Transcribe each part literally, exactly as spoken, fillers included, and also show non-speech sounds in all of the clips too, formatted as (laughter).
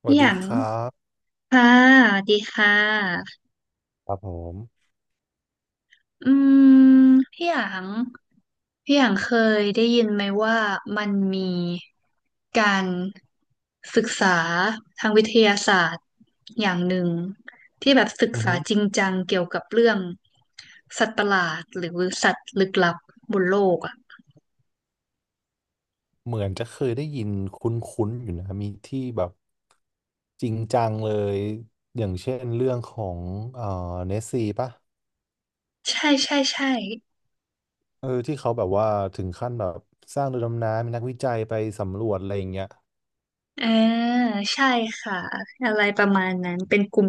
สวัพี่สหดียางครับค่ะดีค่ะครับผมอืมพี่หยางพี่หยางเคยได้ยินไหมว่ามันมีการศึกษาทางวิทยาศาสตร์อย่างหนึ่งที่แบบศึกอือษาฮึจริงจังเกี่ยวกับเรื่องสัตว์ประหลาดหรือสัตว์ลึกลับบนโลกอ่ะเหมือนจะเคยได้ยินคุ้นๆอยู่นะมีที่แบบจริงจังเลย อย่างเช่นเรื่องของเอ่อเนสซีป่ะใช่ใช่ใช่ เออที่เขาแบบว่าถึงขั้นแบบสร้างเรือดำน้ำมีนักวิจัยไปสำรวจอะไรอย่างเงี้ยอ่าใช่ค่ะอะไรประมาณนั้นเป็นกลุ่ม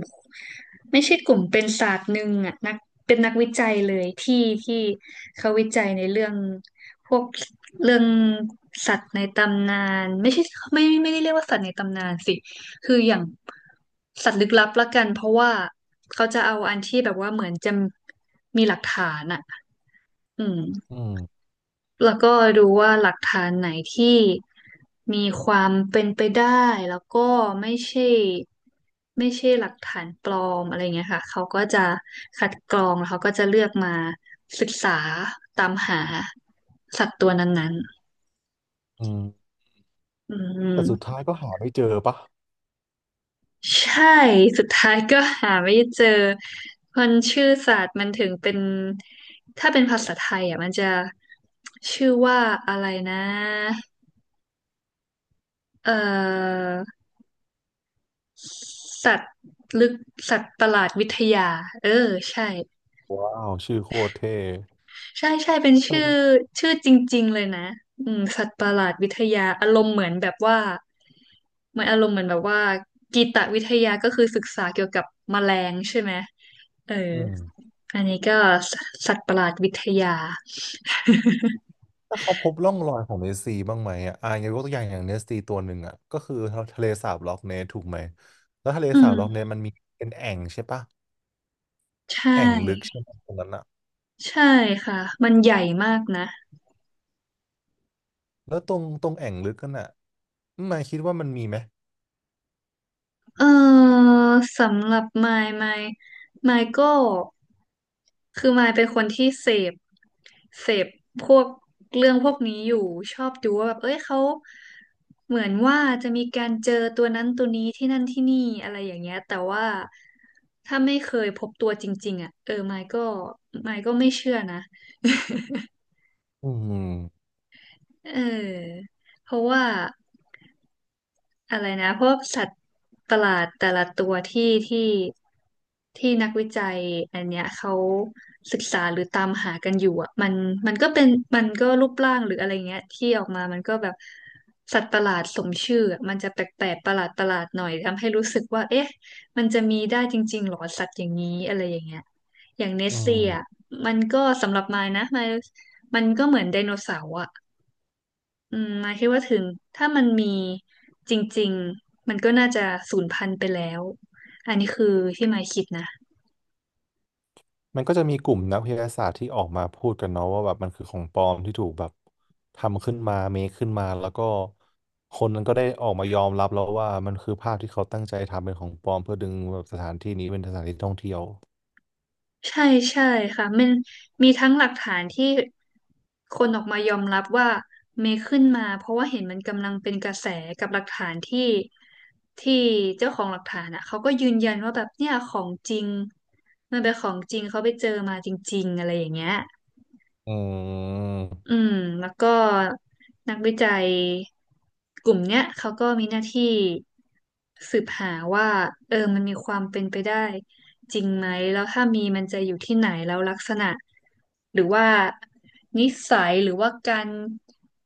ไม่ใช่กลุ่มเป็นศาสตร์หนึ่งอ่ะนักเป็นนักวิจัยเลยที่ที่เขาวิจัยในเรื่องพวกเรื่องสัตว์ในตำนานไม่ใช่ไม่ไม่ได้เรียกว่าสัตว์ในตำนานสิคืออย่างสัตว์ลึกลับละกันเพราะว่าเขาจะเอาอันที่แบบว่าเหมือนจะมีหลักฐานอ่ะอืม อืมแล้วก็ดูว่าหลักฐานไหนที่มีความเป็นไปได้แล้วก็ไม่ใช่ไม่ใช่หลักฐานปลอมอะไรเงี้ยค่ะเขาก็จะคัดกรองแล้วเขาก็จะเลือกมาศึกษาตามหาสัตว์ตัวนั้นอืม ๆอืมแต่สุดท้ายก็หาไม่เจอป่ะใช่สุดท้ายก็หาไม่เจอมันชื่อศาสตร์มันถึงเป็นถ้าเป็นภาษาไทยอ่ะมันจะชื่อว่าอะไรนะเอ่อ สัตว์ลึกสัตว์ประหลาดวิทยาเออใช่ว้าวชื่อโคตรเท่ใช่ใช่เป็นชื่อแตชื่อจริงๆเลยนะอืมสัตว์ประหลาดวิทยาอารมณ์เหมือนแบบว่าเหมือนอารมณ์เหมือนแบบว่ากีตวิทยาก็คือศึกษาเกี่ยวกับแมลงใช่ไหมเอออืม อันนี้ก็สสัตว์ประหลาดวิทยาถ้าเขาพบร่องรอยของเนสซีบ้างไหมอ่ะอ่ะอย่างยกตัวอย่างอย่างเนสซีตัวหนึ่งอ่ะก็คือทะเลสาบล็อกเนสถูกไหมแล้วทะเลอืสาบล็อกเนมสมันมีเป็นแอ่งใช่ปะใช่แอ่งลึกใช่ไหมตรงนั้นอ่ะใช่ค่ะมันใหญ่มากนะ แล้วตรงตรงแอ่งลึกนั่นอ่ะนายคิดว่ามันมีไหมเออสำหรับมายมายมายก็คือมายเป็นคนที่เสพเสพพวกเรื่องพวกนี้อยู่ชอบดูว่าแบบเอ้ยเขาเหมือนว่าจะมีการเจอตัวนั้นตัวนี้ที่นั่นที่นี่อะไรอย่างเงี้ยแต่ว่าถ้าไม่เคยพบตัวจริงๆอ่ะเออมายก็มายก็ไม่เชื่อนะอืมเออเพราะว่า อะไรนะพวกสัตว์ประหลาดแต่ละตัวที่ที่ที่นักวิจัยอันเนี้ยเขาศึกษาหรือตามหากันอยู่อ่ะมันมันก็เป็นมันก็รูปร่างหรืออะไรเงี้ยที่ออกมามันก็แบบสัตว์ประหลาดสมชื่ออะมันจะแปลกๆประหลาดประหลาดหน่อยทำให้รู้สึกว่าเอ๊ะมันจะมีได้จริงๆหรอสัตว์อย่างนี้อะไรอย่างเงี้ยอย่างเนอืสเซียมมันก็สำหรับมายนะมายมันก็เหมือนไดโนเสาร์อ่ะ อืมมายคิดว่าถึงถ้ามันมีจริงๆมันก็น่าจะสูญพันธุ์ไปแล้วอันนี้คือที่มายคิดนะมันก็จะมีกลุ่มนักวิทยาศาสตร์ที่ออกมาพูดกันเนาะว่าแบบมันคือของปลอมที่ถูกแบบทำขึ้นมาเมคขึ้นมาแล้วก็คนนั้นก็ได้ออกมายอมรับแล้วว่ามันคือภาพที่เขาตั้งใจทำเป็นของปลอมเพื่อดึงแบบสถานที่นี้เป็นสถานที่ท่องเที่ยว ใช่ใช่ค่ะมันมีทั้งหลักฐานที่คนออกมายอมรับว่าเมย์ขึ้นมาเพราะว่าเห็นมันกำลังเป็นกระแสกับหลักฐานที่ที่เจ้าของหลักฐานอ่ะเขาก็ยืนยันว่าแบบเนี่ยของจริงมันเป็นของจริงเขาไปเจอมาจริงๆอะไรอย่างเงี้ย อือืมมแล้วก็นักวิจัยกลุ่มเนี้ยเขาก็มีหน้าที่สืบหาว่าเออมันมีความเป็นไปได้จริงไหมแล้วถ้ามีมันจะอยู่ที่ไหนแล้วลักษณะหรือว่านิสัยหรือว่าการ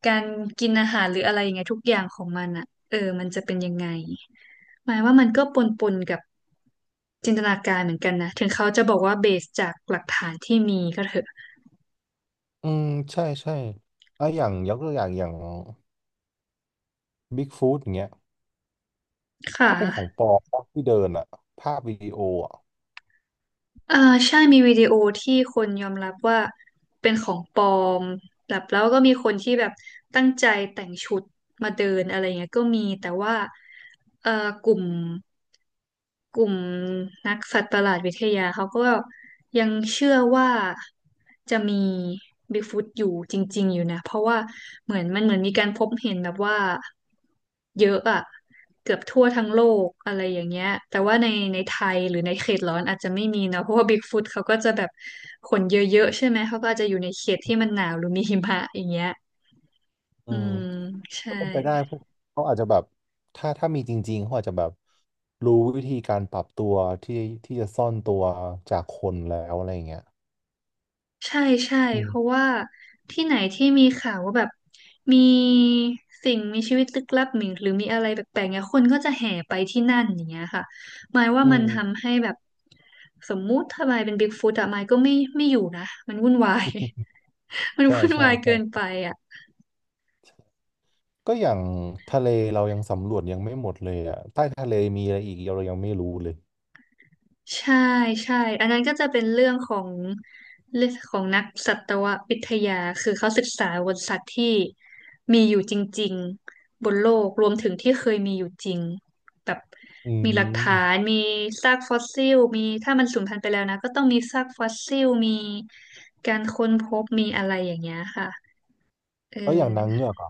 การกินอาหารหรืออะไรอย่างเงี้ยทุกอย่างของมันอ่ะเออมันจะเป็นยังไงหมายว่ามันก็ปนปนกับจินตนาการเหมือนกันนะถึงเขาจะบอกว่าเบสจากหลักฐานที่มีก็เถอะอืมใช่ใช่อ่ะอย่างยกตัวอย่างอย่างบิ๊กฟู t อย่างเงี้ยค่ะ ก็เป็นของปลอมปะที่เดินอะภาพวิดีโออะเอ่าใช่มีวิดีโอที่คนยอมรับว่าเป็นของปลอมแบบแล้วก็มีคนที่แบบตั้งใจแต่งชุดมาเดินอะไรเงี้ยก็มีแต่ว่าเอ่อกลุ่ม กลุ่มนักสัตว์ประหลาดวิทยาเขาก็ยังเชื่อว่าจะมีบิ๊กฟุตอยู่จริงๆอยู่นะเพราะว่าเหมือนมันเหมือนมีการพบเห็นแบบว่าเยอะอะเกือบทั่วทั้งโลกอะไรอย่างเงี้ยแต่ว่าในในไทยหรือในเขตร้อนอาจจะไม่มีเนอะเพราะว่าบิ๊กฟุตเขาก็จะแบบขนเยอะๆใช่ไหมเขาก็อาจจะอยู่ในเขตที่มันหนาวหรือมีหิมะอย่างเงี้ยอือืมมใช่ ก็เป็นไปได้พวกเขาอาจจะแบบถ้าถ้ามีจริงๆเขาอาจจะแบบรู้วิธีการปรับตัวที่ที่จะซ่อนตัวจากคนแล้วอะไรอย่างเงี้ยใช่ใช่อืเพราะมว่าที่ไหนที่มีข่าวว่าแบบมีสิ่งมีชีวิตลึกลับหรือหรือมีอะไรแปลกๆเนี่ยคนก็จะแห่ไปที่นั่นอย่างเงี้ยค่ะหมายว่าอืมันทำมให้แบบสมมุติถ้ามายเป็นบิ๊กฟุตอะมายก็ไม่ไม่อยู่นะมันวุ่นวาย (laughs) มันใช่วุ่นใช่วายเกินไปใช่อะ ก็อย่างทะเลเรายังสำรวจยังไม่หมดเลยอะใต้ทะเลมีอะไรอีกเรายังไม่รู้เลยใช่ใช่อันนั้นก็จะเป็นเรื่องของเรื่องของนักสัตววิทยาคือเขาศึกษาบนสัตว์ที่มีอยู่จริงๆบนโลกรวมถึงที่เคยมีอยู่จริงแบบอืมีหลักฐานมมีซากฟอสซิลมีถ้ามันสูญพันธุ์ไปแล้วนะก็ต้องมีซากฟอสซิลมีการค้นพบมีอะไรอย่างเงี้ยค่ะเอแล้วอย่างนางอเงือก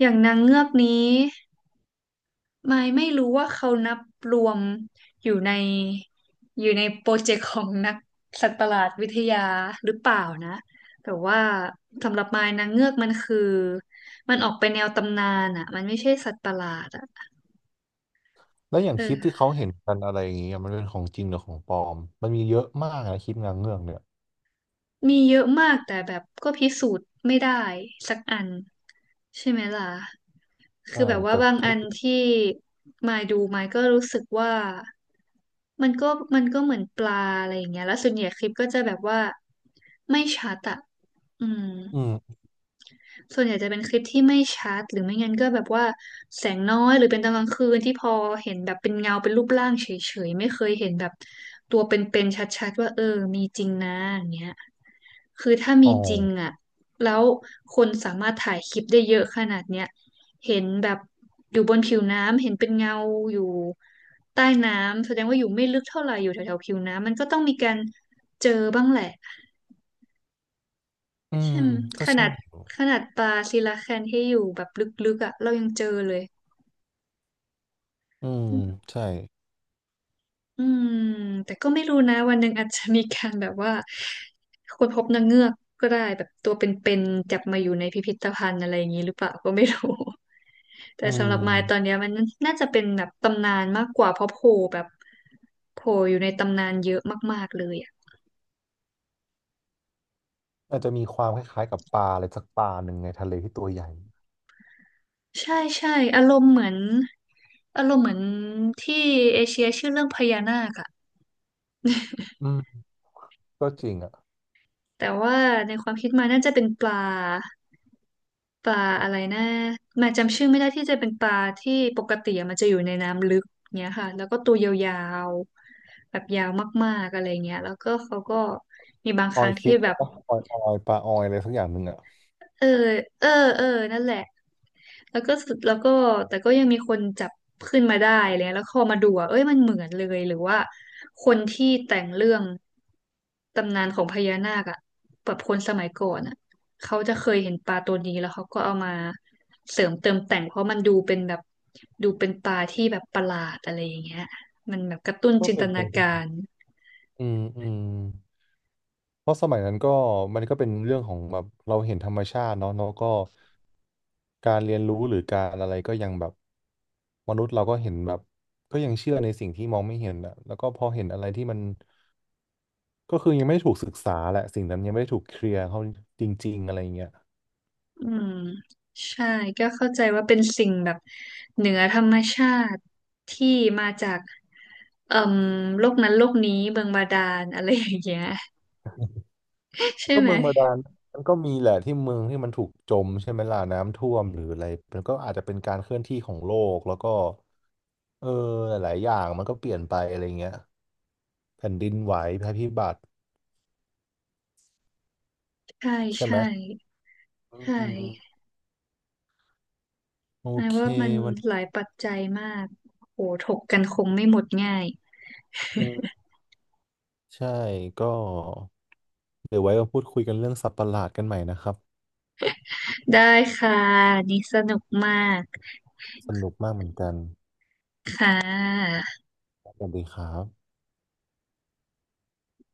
อย่างนางเงือกนี้ ไม่ไม่รู้ว่าเขานับรวมอยู่ในอยู่ในโปรเจกต์ของนักสัตว์ประหลาดวิทยาหรือเปล่านะแต่ว่าสำหรับมายนางเงือกมันคือมันออกไปแนวตำนานอ่ะมันไม่ใช่สัตว์ประหลาดอ่ะแล้วอย่างคลิปที่เออเขาเห็นกันอะไรอย่างเงี้ยมันเป็นของจริงหรือของปลอมมันมีเยอะมากนะคลิปงานเงือกเนี่ยมีเยอะมากแต่แบบก็พิสูจน์ไม่ได้สักอันใช่ไหมล่ะ คืใช่อแบบว่าแต่บางถ้าอันที่มายดูมายก็รู้สึกว่ามันก็มันก็เหมือนปลาอะไรอย่างเงี้ยแล้วส่วนใหญ่คลิปก็จะแบบว่าไม่ชัดอะอืมอืมส่วนใหญ่จะเป็นคลิปที่ไม่ชัดหรือไม่งั้นก็แบบว่าแสงน้อยหรือเป็นตอนกลางคืนที่พอเห็นแบบเป็นเงาเป็นรูปร่างเฉยๆไม่เคยเห็นแบบตัวเป็นๆชัดๆว่าเออมีจริงนะอย่างเงี้ย คือถ้าอ๋อมีจริงอ่ะแล้วคนสามารถถ่ายคลิปได้เยอะขนาดเนี้ยเห็นแบบอยู่บนผิวน้ำเห็นเป็นเงาอยู่ใต้น้ำแสดงว่าอยู่ไม่ลึกเท่าไหร่อยู่แถวๆผิวน้ำมันก็ต้องมีการเจอบ้างแหละอืมเช่นก็ขใช่นาดอยู่ขนาดปลาซิลาแคนที่อยู่แบบลึกๆอ่ะเรายังเจอเลยอืมใช่อืมแต่ก็ไม่รู้นะวันหนึ่งอาจจะมีการแบบว่าคนพบนางเงือกก็ได้แบบตัวเป็นๆจับมาอยู่ในพิพิธภัณฑ์อะไรอย่างนี้หรือเปล่าก็ไม่รู้ แต่อืสำหรับมายตอนมเนี้ยมันน่าจะเป็นแบบตำนานมากกว่าเพราะโผล่แบบโผล่อยู่ในตำนานเยอะมากๆเลยอ่ะอาจจะมีความคล้ายๆกับปลาอะไรสักปลาหนึ่งในทะเลที่ตัวใหญ่ใช่ใช่อารมณ์เหมือนอารมณ์เหมือนที่เอเชียชื่อเรื่องพญานาคอะอืมก็จริงอ่ะแต่ว่าในความคิดมายน่าจะเป็นปลาปลาอะไรนะมายจำชื่อไม่ได้ที่จะเป็นปลาที่ปกติอะมันจะอยู่ในน้ำลึกเนี้ยค่ะแล้วก็ตัวยาวๆแบบยาวมากๆอะไรเงี้ยแล้วก็เขาก็มีบางคออรั้ยงฟิที่ตแบบ ออยออยปลาออยอะไรสักอย่างหนึ่งอ่ะเออเออเออนั่นแหละแล้วก็สุดแล้วก็แต่ก็ยังมีคนจับขึ้นมาได้เลยแล้วพอมาดูอ่ะเอ้ยมันเหมือนเลย หรือว่าคนที่แต่งเรื่องตำนานของพญานาคอ่ะแบบคนสมัยก่อนอ่ะเขาจะเคยเห็นปลาตัวนี้แล้วเขาก็เอามาเสริมเติมแต่งเพราะมันดูเป็นแบบดูเป็นปลาที่แบบประหลาดอะไรอย่างเงี้ยมันแบบกระตุ้นก็จินตเป็นไปนากาได้ร อืมอืม เพราะสมัยนั้นก็มันก็เป็นเรื่องของแบบเราเห็นธรรมชาติเนาะแล้ก็การเรียนรู้หรือการอะไรก็ยังแบบมนุษย์เราก็เห็นแบบก็ยังเชื่อในสิ่งที่มองไม่เห็นอะแล้วก็พอเห็นอะไรที่มันก็คือยังไม่ได้ถูกศึกษาแหละสิ่งนั้นยังไม่ได้ถูกเคลียร์เขาจริงๆอะไรเงี้ยอืมใช่ก็เข้าใจว่าเป็นสิ่งแบบเหนือธรรมชาติที่มาจากเอ่อโลกนั้นโลกนี้เมืองบาดาลอะไรอย่างเงี้ยใช่ก็ไหมเมืองบาดาลมันก็มีแหละที่เมืองที่มันถูกจมใช่ไหมล่ะน้ำท่วมหรืออะไรมันก็อาจจะเป็นการเคลื่อนที่ของโลกแล้วก็เออหลายๆอย่างมันก็เปลี่ยนไปอะไรเงี้ยแผ่นดินไหวภัยพิบัติใช่ใช่ไหม ใช่ใช่อืมโอหมายเคว่ามันวันหลานี้ยปัจจัยมากโหถกกันคงไม่หมดง่ายอืมใช่ก็เดี๋ยวไว้มาพูดคุยกันเรื่องสัตว์ประหลาดกันใหม่นะครับได้ค่ะนี่สนุกมากสนุกมากเหมือนกันค่ะสวัสดีครับ